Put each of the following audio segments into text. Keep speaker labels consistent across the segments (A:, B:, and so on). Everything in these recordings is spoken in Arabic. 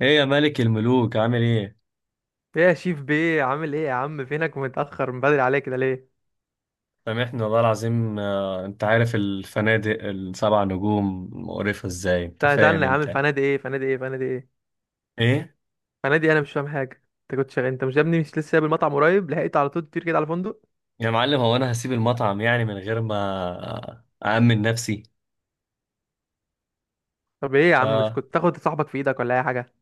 A: ايه يا ملك الملوك عامل ايه؟
B: ايه يا شيف بيه، عامل ايه يا عم؟ فينك متأخر من بدري عليك كده ليه؟
A: سامحني والله العظيم، انت عارف الفنادق السبع نجوم مقرفة ازاي. انت
B: لا
A: فاهم
B: سألنا يا عم،
A: انت
B: فنادي ايه فنادي ايه فنادي ايه
A: ايه؟
B: فنادي؟ انا مش فاهم حاجة. انت كنت شغال، انت مش يا ابني مش لسه سايب المطعم قريب؟ لحقت على طول تطير كده على فندق؟
A: يا معلم، هو انا هسيب المطعم يعني من غير ما أأمن نفسي؟
B: طب ايه يا
A: ف...
B: عم، مش كنت تاخد صاحبك في ايدك ولا اي حاجة؟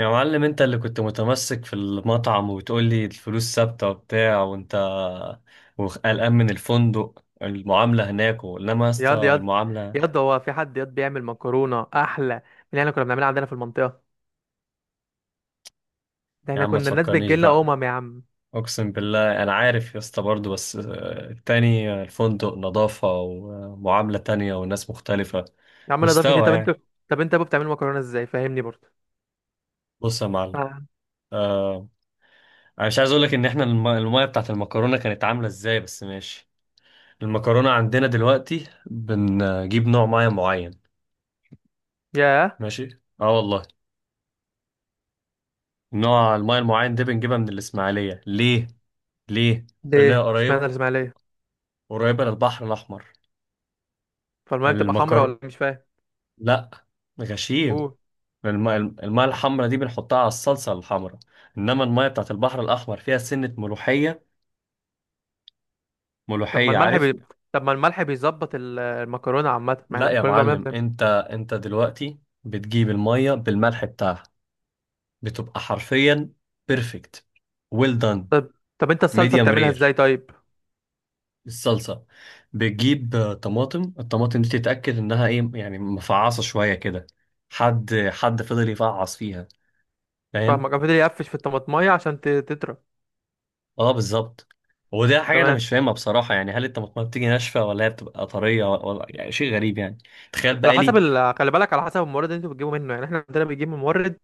A: يا معلم، انت اللي كنت متمسك في المطعم وتقول لي الفلوس ثابتة وبتاع، وانت وقلقان من الفندق، المعاملة هناك، انما يا
B: ياض
A: اسطى
B: ياض،
A: المعاملة.
B: ياض هو في حد ياض بيعمل مكرونة احلى من اللي احنا كنا بنعملها عندنا في المنطقة؟ ده
A: يا
B: احنا
A: عم، ما
B: كنا الناس
A: تفكرنيش
B: بتجيلنا،
A: بقى.
B: يا عم.
A: اقسم بالله انا عارف يا اسطى برضه، بس التاني، الفندق نظافة ومعاملة تانية وناس مختلفة.
B: يا عم نضافة ايه؟
A: مستوى
B: طب انتوا،
A: يعني.
B: طب انت يا ابو بتعملوا مكرونة ازاي؟ فاهمني برضه.
A: بص يا معلم.
B: آه.
A: آه، انا مش عايز اقول لك ان احنا المية بتاعت المكرونة كانت عاملة ازاي، بس ماشي. المكرونة عندنا دلوقتي بنجيب نوع مية معين.
B: ياه.
A: ماشي. اه والله. نوع المية المعين ده بنجيبها من الاسماعيلية. ليه؟ ليه؟ لانها
B: ليه؟ اشمعنى
A: قريبة.
B: الاسماعيلية؟
A: قريبة للبحر الاحمر.
B: فالمية بتبقى حمرا ولا
A: المكر
B: إيه؟ مش فاهم.
A: لا. غشيم.
B: قول.
A: الماء، الحمراء دي بنحطها على الصلصة الحمراء، انما الماء بتاعت البحر الاحمر فيها سنة ملوحية.
B: طب ما
A: ملوحية،
B: الملح
A: عارف؟
B: بي... طب ما الملح بيظبط المكرونه عامه، ما
A: لا
B: احنا
A: يا
B: كل اللي عملنا
A: معلم، انت دلوقتي بتجيب المية بالملح بتاعها، بتبقى حرفيا بيرفكت، ويل دان.
B: طب. طب انت الصلصه
A: ميديوم
B: بتعملها ازاي
A: رير.
B: طيب؟
A: الصلصة بتجيب طماطم. الطماطم دي تتأكد انها ايه يعني، مفعصة شوية كده. حد فضل يفعص فيها، فاهم؟
B: فاهمك، أنا فضل يقفش في الطماطمايه عشان تطرى.
A: اه بالظبط. وده حاجة أنا
B: تمام.
A: مش فاهمها بصراحة يعني، هل الطماطم بتيجي ناشفة، ولا هي بتبقى طرية، ولا، يعني شيء غريب يعني. تخيل بقى لي.
B: خلي بالك، على حسب المورد اللي انتوا بتجيبوا منه، يعني احنا عندنا بنجيب من مورد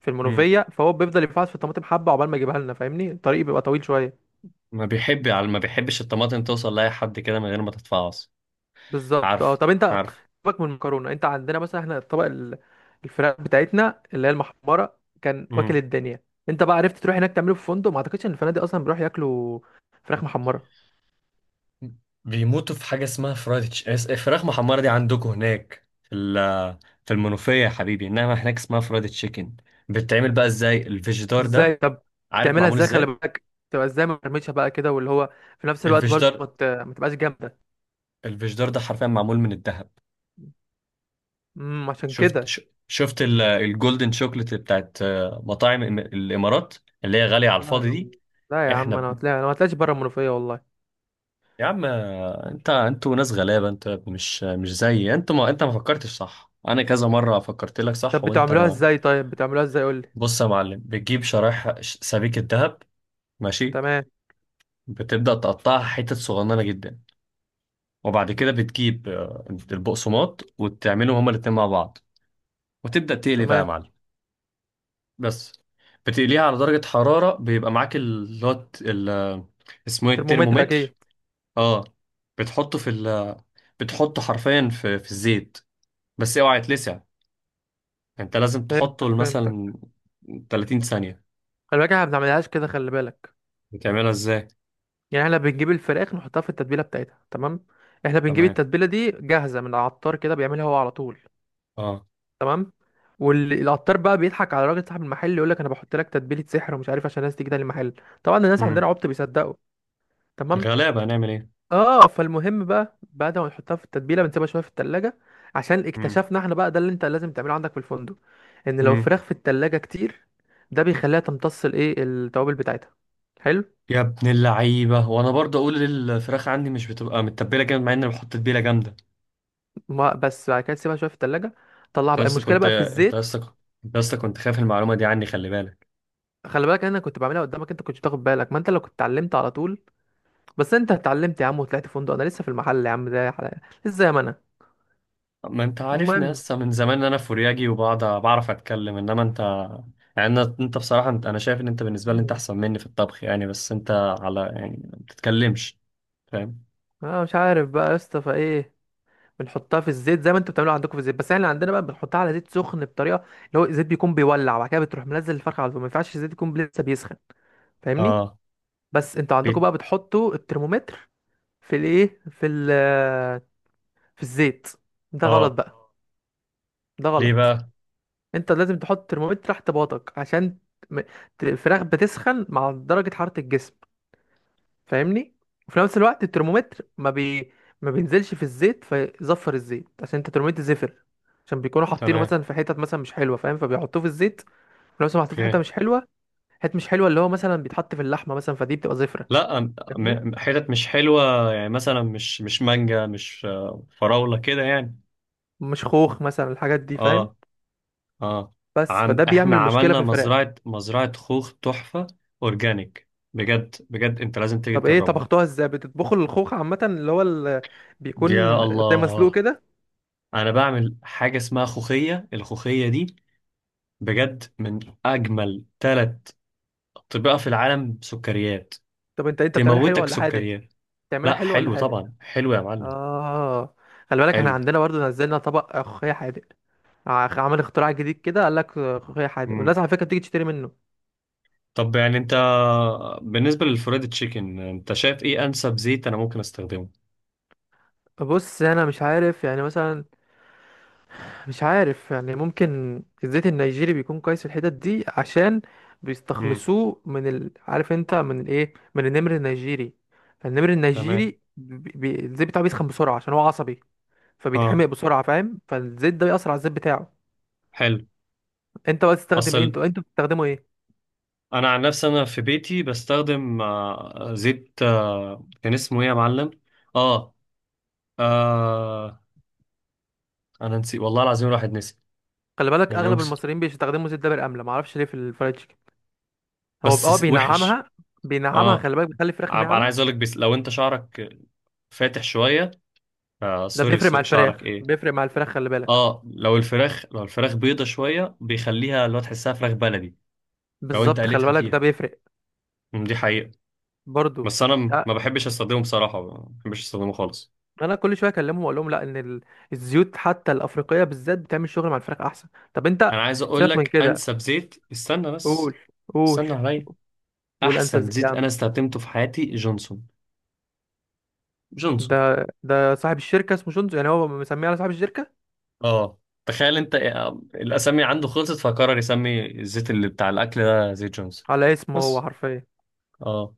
B: في
A: مم.
B: المنوفيه، فهو بيفضل يفحص في الطماطم حبه عقبال ما يجيبها لنا، فاهمني، الطريق بيبقى طويل شويه.
A: ما بيحبش الطماطم توصل لأي حد كده من غير ما تتفعص.
B: بالظبط، اه.
A: عارف.
B: طب انت
A: عارف.
B: سيبك من المكرونه، انت عندنا مثلا احنا الطبق الفراخ بتاعتنا اللي هي المحمره كان واكل
A: مم.
B: الدنيا. انت بقى عرفت تروح هناك تعمله في فندق؟ ما اعتقدش ان الفنادق اصلا بيروحوا ياكلوا فراخ محمره.
A: بيموتوا في حاجة اسمها فراخ محمرة. دي عندكم هناك في في المنوفية يا حبيبي، إنما هناك اسمها فرايد تشيكن. بتتعمل بقى إزاي الفيجيتار
B: ازاي
A: ده؟
B: طب؟
A: عارف
B: بتعملها
A: معمول
B: ازاي؟ خلي
A: إزاي؟
B: بالك، تبقى ازاي مرمشه بقى كده، واللي هو في نفس الوقت برضه
A: الفيجيتار،
B: ما تبقاش جامده.
A: الفيجيتار ده حرفيا معمول من الدهب.
B: عشان
A: شفت
B: كده.
A: ش- شفت الجولدن شوكليت بتاعت مطاعم الامارات، اللي هي غاليه على
B: لا
A: الفاضي
B: يا
A: دي.
B: عم، لا يا
A: احنا
B: عم،
A: ب...
B: انا ما طلعش بره المنوفيه والله.
A: يا عم، انت، انتوا ناس غلابه. انت مش، مش زي، انت ما انت ما فكرتش صح. انا كذا مره فكرت لك صح
B: طب
A: وانت
B: بتعملوها
A: ما.
B: ازاي طيب؟ بتعملوها ازاي؟ قول لي.
A: بص يا معلم، بتجيب شرايح سبيكه ذهب. ماشي.
B: تمام.
A: بتبدا تقطعها حتت صغننه جدا، وبعد كده بتجيب البقسماط، وتعملهم هما الاتنين مع بعض، وتبدا تقلي بقى يا
B: تمام.
A: معلم. بس بتقليها على درجة حرارة، بيبقى معاك اللي هو اسمه ايه،
B: ترمومتر
A: الترمومتر.
B: اكيد.
A: اه. بتحطه في ال... بتحطه حرفيا في الزيت، بس اوعى يتلسع. انت لازم
B: فهمتك،
A: تحطه
B: فهمتك.
A: مثلا 30 ثانية.
B: خلي بالك احنا ما بنعملهاش كده، خلي بالك.
A: بتعملها ازاي؟
B: يعني احنا بنجيب الفراخ نحطها في التتبيله بتاعتها، تمام، احنا بنجيب
A: تمام.
B: التتبيله دي جاهزه من العطار كده، بيعملها هو على طول.
A: اه.
B: تمام. والعطار بقى بيضحك على راجل صاحب المحل، يقول لك انا بحط لك تتبيله سحر ومش عارف، عشان الناس تيجي تاني المحل. طبعا الناس عندنا
A: امم.
B: عبط بيصدقوا. تمام.
A: غلابة هنعمل ايه.
B: اه، فالمهم بقى بعد ما نحطها في التتبيله بنسيبها شويه في التلاجة، عشان
A: امم.
B: اكتشفنا احنا بقى، ده اللي انت لازم تعمله عندك في الفندق، ان لو
A: امم.
B: الفراخ في التلاجة كتير، ده بيخليها تمتص الايه، التوابل بتاعتها. حلو.
A: يا ابن اللعيبة، وانا برضه اقول الفراخ عندي مش بتبقى متبلة جامد، مع اني بحط تتبيلة جامدة.
B: ما بس بعد كده تسيبها شويه في التلاجة، طلعها
A: انت
B: بقى،
A: لسه
B: المشكله
A: كنت
B: بقى في
A: انت
B: الزيت.
A: لسه انت لسه كنت خايف المعلومة دي عني، خلي بالك.
B: خلي بالك انا كنت بعملها قدامك، انت كنتش بتاخد بالك، ما انت لو كنت اتعلمت على طول، بس انت اتعلمت يا عم وطلعت فندق، انا لسه في المحل يا عم زي حلقة. لسه زي ما انا.
A: ما انت عارفني
B: المهم،
A: لسه من زمان ان انا فورياجي وبقعد بعرف اتكلم، انما انت. يعني انت بصراحة، انت، انا شايف ان انت بالنسبة لي انت احسن مني في الطبخ يعني، بس انت على يعني ما بتتكلمش، فاهم؟
B: اه مش عارف بقى يا اسطى فايه. بنحطها في الزيت زي ما انتوا بتعملوها عندكم في الزيت، بس احنا عندنا بقى بنحطها على زيت سخن بطريقه، اللي هو الزيت بيكون بيولع، وبعد كده بتروح منزل الفرخه على طول، ما ينفعش الزيت يكون لسه بيسخن، فاهمني.
A: اه.
B: بس انتوا عندكم
A: بيت.
B: بقى بتحطوا الترمومتر في الايه، في الزيت. ده غلط
A: اه.
B: بقى. ده
A: ليه
B: غلط.
A: بقى؟
B: انت لازم تحط ترمومتر تحت باطك، عشان م- الفراخ بتسخن مع درجة حرارة الجسم، فاهمني. وفي نفس الوقت الترمومتر ما بينزلش في الزيت، فيزفر الزيت، عشان انت الترمومتر زفر، عشان بيكونوا حاطينه
A: تمام.
B: مثلا في حتت مثلا مش حلوه، فاهم، فبيحطوه في الزيت، في نفس الوقت محطوط في حته
A: اوكي.
B: مش حلوه. حته مش حلوه اللي هو مثلا بيتحط في اللحمه مثلا، فدي بتبقى زفره،
A: لا،
B: فاهمني،
A: حتت مش حلوة يعني، مثلا مش مانجا، مش فراولة كده يعني.
B: مش خوخ مثلا، الحاجات دي، فاهم.
A: اه. اه.
B: بس
A: عم،
B: فده
A: احنا
B: بيعمل مشكله في
A: عملنا
B: الفراخ.
A: مزرعة، مزرعة خوخ تحفة. اورجانيك. بجد بجد، انت لازم تيجي
B: طب ايه
A: تجربها.
B: طبختوها ازاي؟ بتطبخوا الخوخ عامه اللي هو بيكون
A: يا
B: زي مسلوق
A: الله.
B: كده؟
A: انا بعمل حاجه اسمها خوخيه. الخوخيه دي بجد من اجمل ثلاث اطباق في العالم. سكريات
B: طب انت بتعملها حلو
A: تموتك.
B: ولا حادق؟
A: سكريات.
B: بتعملها
A: لا
B: حلو ولا
A: حلو
B: حادق؟
A: طبعا، حلو يا معلم.
B: اه. خلي بالك احنا
A: حلو.
B: عندنا برضو نزلنا طبق ملوخيه حادق، عمل اختراع جديد كده، قال لك ملوخيه حادق، والناس
A: مم.
B: على فكره بتيجي تشتري منه.
A: طب يعني انت، بالنسبه للفريد تشيكن، انت شايف ايه انسب زيت انا ممكن استخدمه؟
B: بص انا مش عارف يعني مثلا، مش عارف يعني، ممكن الزيت النيجيري بيكون كويس في الحتت دي، عشان
A: امم.
B: بيستخلصوه عارف انت من الايه، من النمر النيجيري. فالنمر
A: تمام.
B: النيجيري الزيت بتاعه بيسخن بسرعه، عشان هو عصبي، فبيتحمق
A: اه.
B: بسرعه، فاهم، فالزيت ده بيأثر على الزيت بتاعه.
A: حلو.
B: انت بقى تستخدم ايه؟
A: اصل،
B: انتوا بتستخدموا ايه؟
A: انا عن نفسي، انا في بيتي بستخدم زيت، كان اسمه ايه يا معلم؟ اه. آه. انا نسيت والله العظيم، الواحد نسي.
B: خلي بالك
A: يعني
B: اغلب
A: يكسر،
B: المصريين بيستخدموا زيت دابر امله، معرفش ليه، في الفرايد تشيكن. هو
A: بس وحش.
B: بينعمها. بينعمها،
A: اه.
B: خلي بالك، بيخلي الفراخ
A: انا عايز
B: ناعمه.
A: اقولك، بس لو انت شعرك فاتح شويه، آه
B: ده
A: سوري،
B: بيفرق مع
A: شعرك
B: الفراخ،
A: ايه.
B: بيفرق مع الفراخ، خلي بالك.
A: اه، لو الفراخ، لو الفراخ بيضه شويه، بيخليها لو تحسها فراخ بلدي لو انت
B: بالظبط، خلي
A: قليتها
B: بالك ده
A: فيها.
B: بيفرق.
A: أم، دي حقيقه.
B: برضو،
A: بس انا،
B: اه،
A: ما بحبش استخدمه بصراحه، ما بحبش استخدمه خالص.
B: انا كل شويه اكلمهم واقول لهم لا، ان الزيوت حتى الافريقيه بالذات بتعمل شغل مع الفراخ احسن. طب انت،
A: انا عايز
B: سيبك من
A: اقولك
B: كده،
A: انسب زيت، استنى
B: قول.
A: بس.
B: قول.
A: استنى عليا.
B: قول انسب
A: احسن
B: زيت يا
A: زيت
B: عم.
A: انا استخدمته في حياتي جونسون. جونسون.
B: ده صاحب الشركه اسمه شونزو، يعني هو مسميه على صاحب الشركه،
A: اه. تخيل انت، الاسامي عنده خلصت، فقرر يسمي الزيت اللي بتاع الاكل ده زيت جونز.
B: على اسمه هو
A: بس.
B: حرفيا.
A: اه.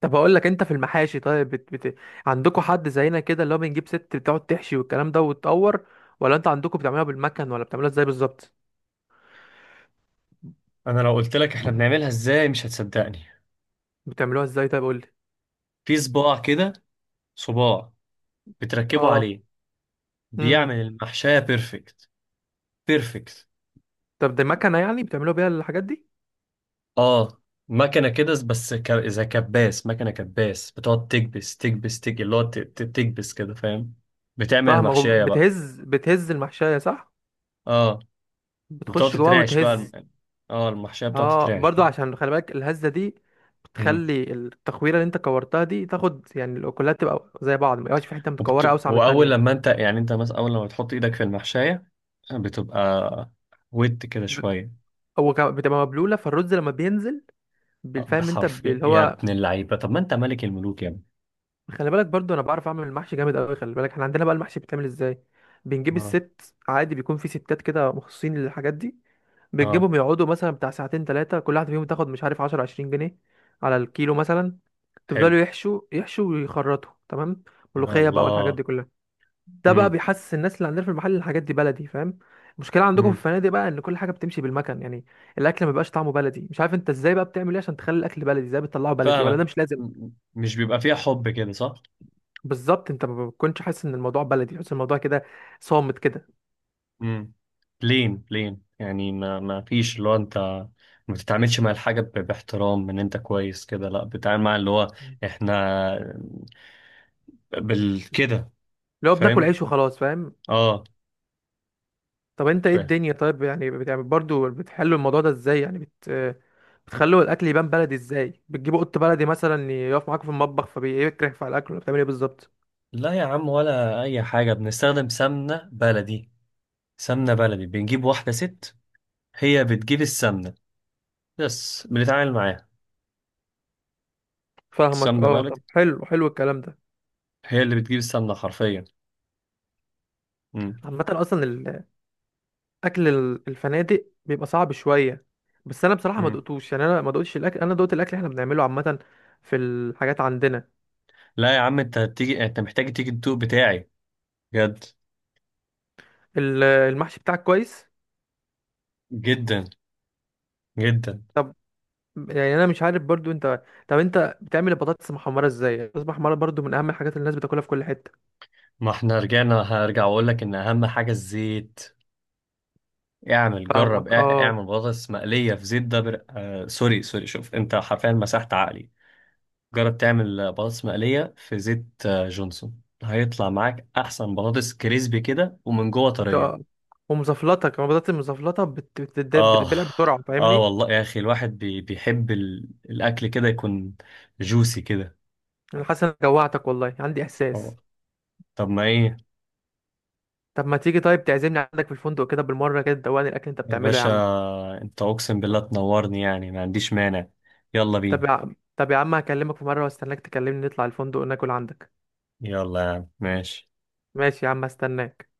B: طب اقول لك انت في المحاشي طيب، عندكم حد زينا كده اللي هو بنجيب ست بتقعد تحشي والكلام ده وتطور، ولا انت عندكم بتعملوها بالمكن، ولا بتعملوها ازاي بالظبط؟
A: انا لو قلت لك احنا بنعملها ازاي، مش هتصدقني.
B: بتعملوها ازاي طيب؟ قول لي.
A: في صباع كده، صباع بتركبه
B: اه.
A: عليه،
B: امم
A: بيعمل المحشية بيرفكت. بيرفكت.
B: طب دي مكنه يعني بتعملوها بيها الحاجات دي؟
A: اه. مكنة كده بس، زي كباس، مكنة كباس بتقعد تكبس تكبس تك اللي هو تكبس كده، فاهم؟ بتعمل
B: فاهمك،
A: المحشية بقى.
B: بتهز، بتهز المحشيه، صح؟
A: اه. بتقعد
B: بتخش جواها
A: تترعش بقى
B: وتهز.
A: اه، المحشية بتقعد
B: اه،
A: تترعش
B: برضو
A: بقى.
B: عشان خلي بالك الهزه دي
A: مم.
B: بتخلي التخويره اللي انت كورتها دي تاخد، يعني الاكلات تبقى زي بعض، ما يبقاش في حته متكوره اوسع من
A: واول
B: التانيه.
A: لما انت يعني انت مثلا، اول لما بتحط ايدك في المحشايه، بتبقى ود كده
B: ب-
A: شويه.
B: بتبقى مبلوله، فالرز لما بينزل، بالفهم انت
A: بحرف يا،
B: اللي
A: يا
B: هو،
A: ابن اللعيبه، طب ما انت ملك الملوك يا ابني.
B: خلي بالك برضو انا بعرف اعمل المحشي جامد قوي، خلي بالك احنا عندنا بقى المحشي بيتعمل ازاي. بنجيب
A: اه.
B: الست عادي، بيكون في ستات كده مخصصين للحاجات دي،
A: اه.
B: بتجيبهم يقعدوا مثلا بتاع ساعتين ثلاثة، كل واحدة فيهم تاخد مش عارف 10 20 جنيه على الكيلو مثلا،
A: حلو.
B: تفضلوا يحشوا يحشوا ويخرطوا، تمام،
A: يا
B: ملوخية بقى والحاجات
A: الله.
B: دي كلها. ده بقى
A: امم.
B: بيحسس الناس اللي عندنا في المحل إن الحاجات دي بلدي، فاهم. المشكلة عندكم في
A: امم.
B: الفنادق بقى ان كل حاجة بتمشي بالمكن يعني، الاكل ما بيبقاش طعمه بلدي، مش عارف انت ازاي بقى بتعمل ايه عشان تخلي الاكل بلدي، ازاي بتطلعه بلدي، ولا ده
A: فاهمك.
B: مش لازم؟
A: مش بيبقى فيها حب كده صح.
B: بالظبط، انت ما بتكونش حاسس ان الموضوع بلدي، تحس الموضوع كده صامت كده،
A: امم. لين لين يعني، ما، ما فيش اللي هو، انت ما بتتعاملش مع الحاجه باحترام، ان انت كويس كده، لا بتتعامل مع اللي هو، احنا بال كده،
B: لو بناكل
A: فاهم؟
B: عيش وخلاص، فاهم.
A: اه.
B: طب انت ايه الدنيا طيب، يعني بتعمل برضو، بتحلوا الموضوع ده ازاي، يعني بتخلوا الاكل يبان بلدي ازاي؟ بتجيبوا قط بلدي مثلا يقف معاكوا في المطبخ فبيكرهف على الاكل، ولا بتعمل ايه بالظبط؟
A: لا يا عم، ولا اي حاجه، بنستخدم سمنه بلدي. سمنه بلدي بنجيب واحده ست، هي بتجيب السمنه، بس بنتعامل معاها.
B: فاهمك،
A: السمنه
B: اه،
A: بلدي،
B: طب حلو، حلو الكلام ده.
A: هي اللي بتجيب السمنه حرفيا. مم.
B: عامه اصلا الاكل الفنادق بيبقى صعب شويه، بس انا بصراحه ما
A: مم.
B: دقتوش، يعني انا ما دقتش الاكل، انا دقت الاكل احنا بنعمله عامه في الحاجات عندنا.
A: لا يا عم، انت هتيجي، انت محتاج تيجي الدوق بتاعي، بجد.
B: المحشي بتاعك كويس.
A: جدا. جدا.
B: طب يعني انا مش عارف برضو انت، طب انت بتعمل البطاطس محمره ازاي؟ البطاطس محمره برضو من اهم الحاجات اللي الناس بتاكلها في كل حته.
A: ما احنا رجعنا، هرجع واقول لك ان اهم حاجه الزيت. اعمل، جرب،
B: فاهمك، اه.
A: اعمل بطاطس مقليه في زيت ده، آه سوري سوري، شوف انت حرفيا مسحت عقلي. قاعد تعمل برش مالية في زيت جونسون، هايطلع معك أحسن برش كريسب كده ومن جوا تريا.
B: آه. ومزفلطه كمان، البطاطس المزفلطه
A: اه.
B: بتتبلع بسرعه،
A: اه
B: فاهمني.
A: والله ياخي، الواحد بيحب الأكل كده يكون جوسي كده.
B: انا حاسس انك جوعتك والله، عندي
A: آه.
B: احساس.
A: طب ما إيه.
B: طب ما تيجي طيب تعزمني عندك في الفندق كده بالمره كده، تدوقني الاكل اللي انت بتعمله يا
A: بشه.
B: عم.
A: أنت أوكس بالاطن وارني يعني، ما عندش مانع. يلا
B: طب يا
A: بين.
B: عم، طب يا عم، هكلمك في مره واستناك تكلمني، نطلع الفندق ناكل عندك.
A: يلا مش
B: ماشي يا عم، هستناك.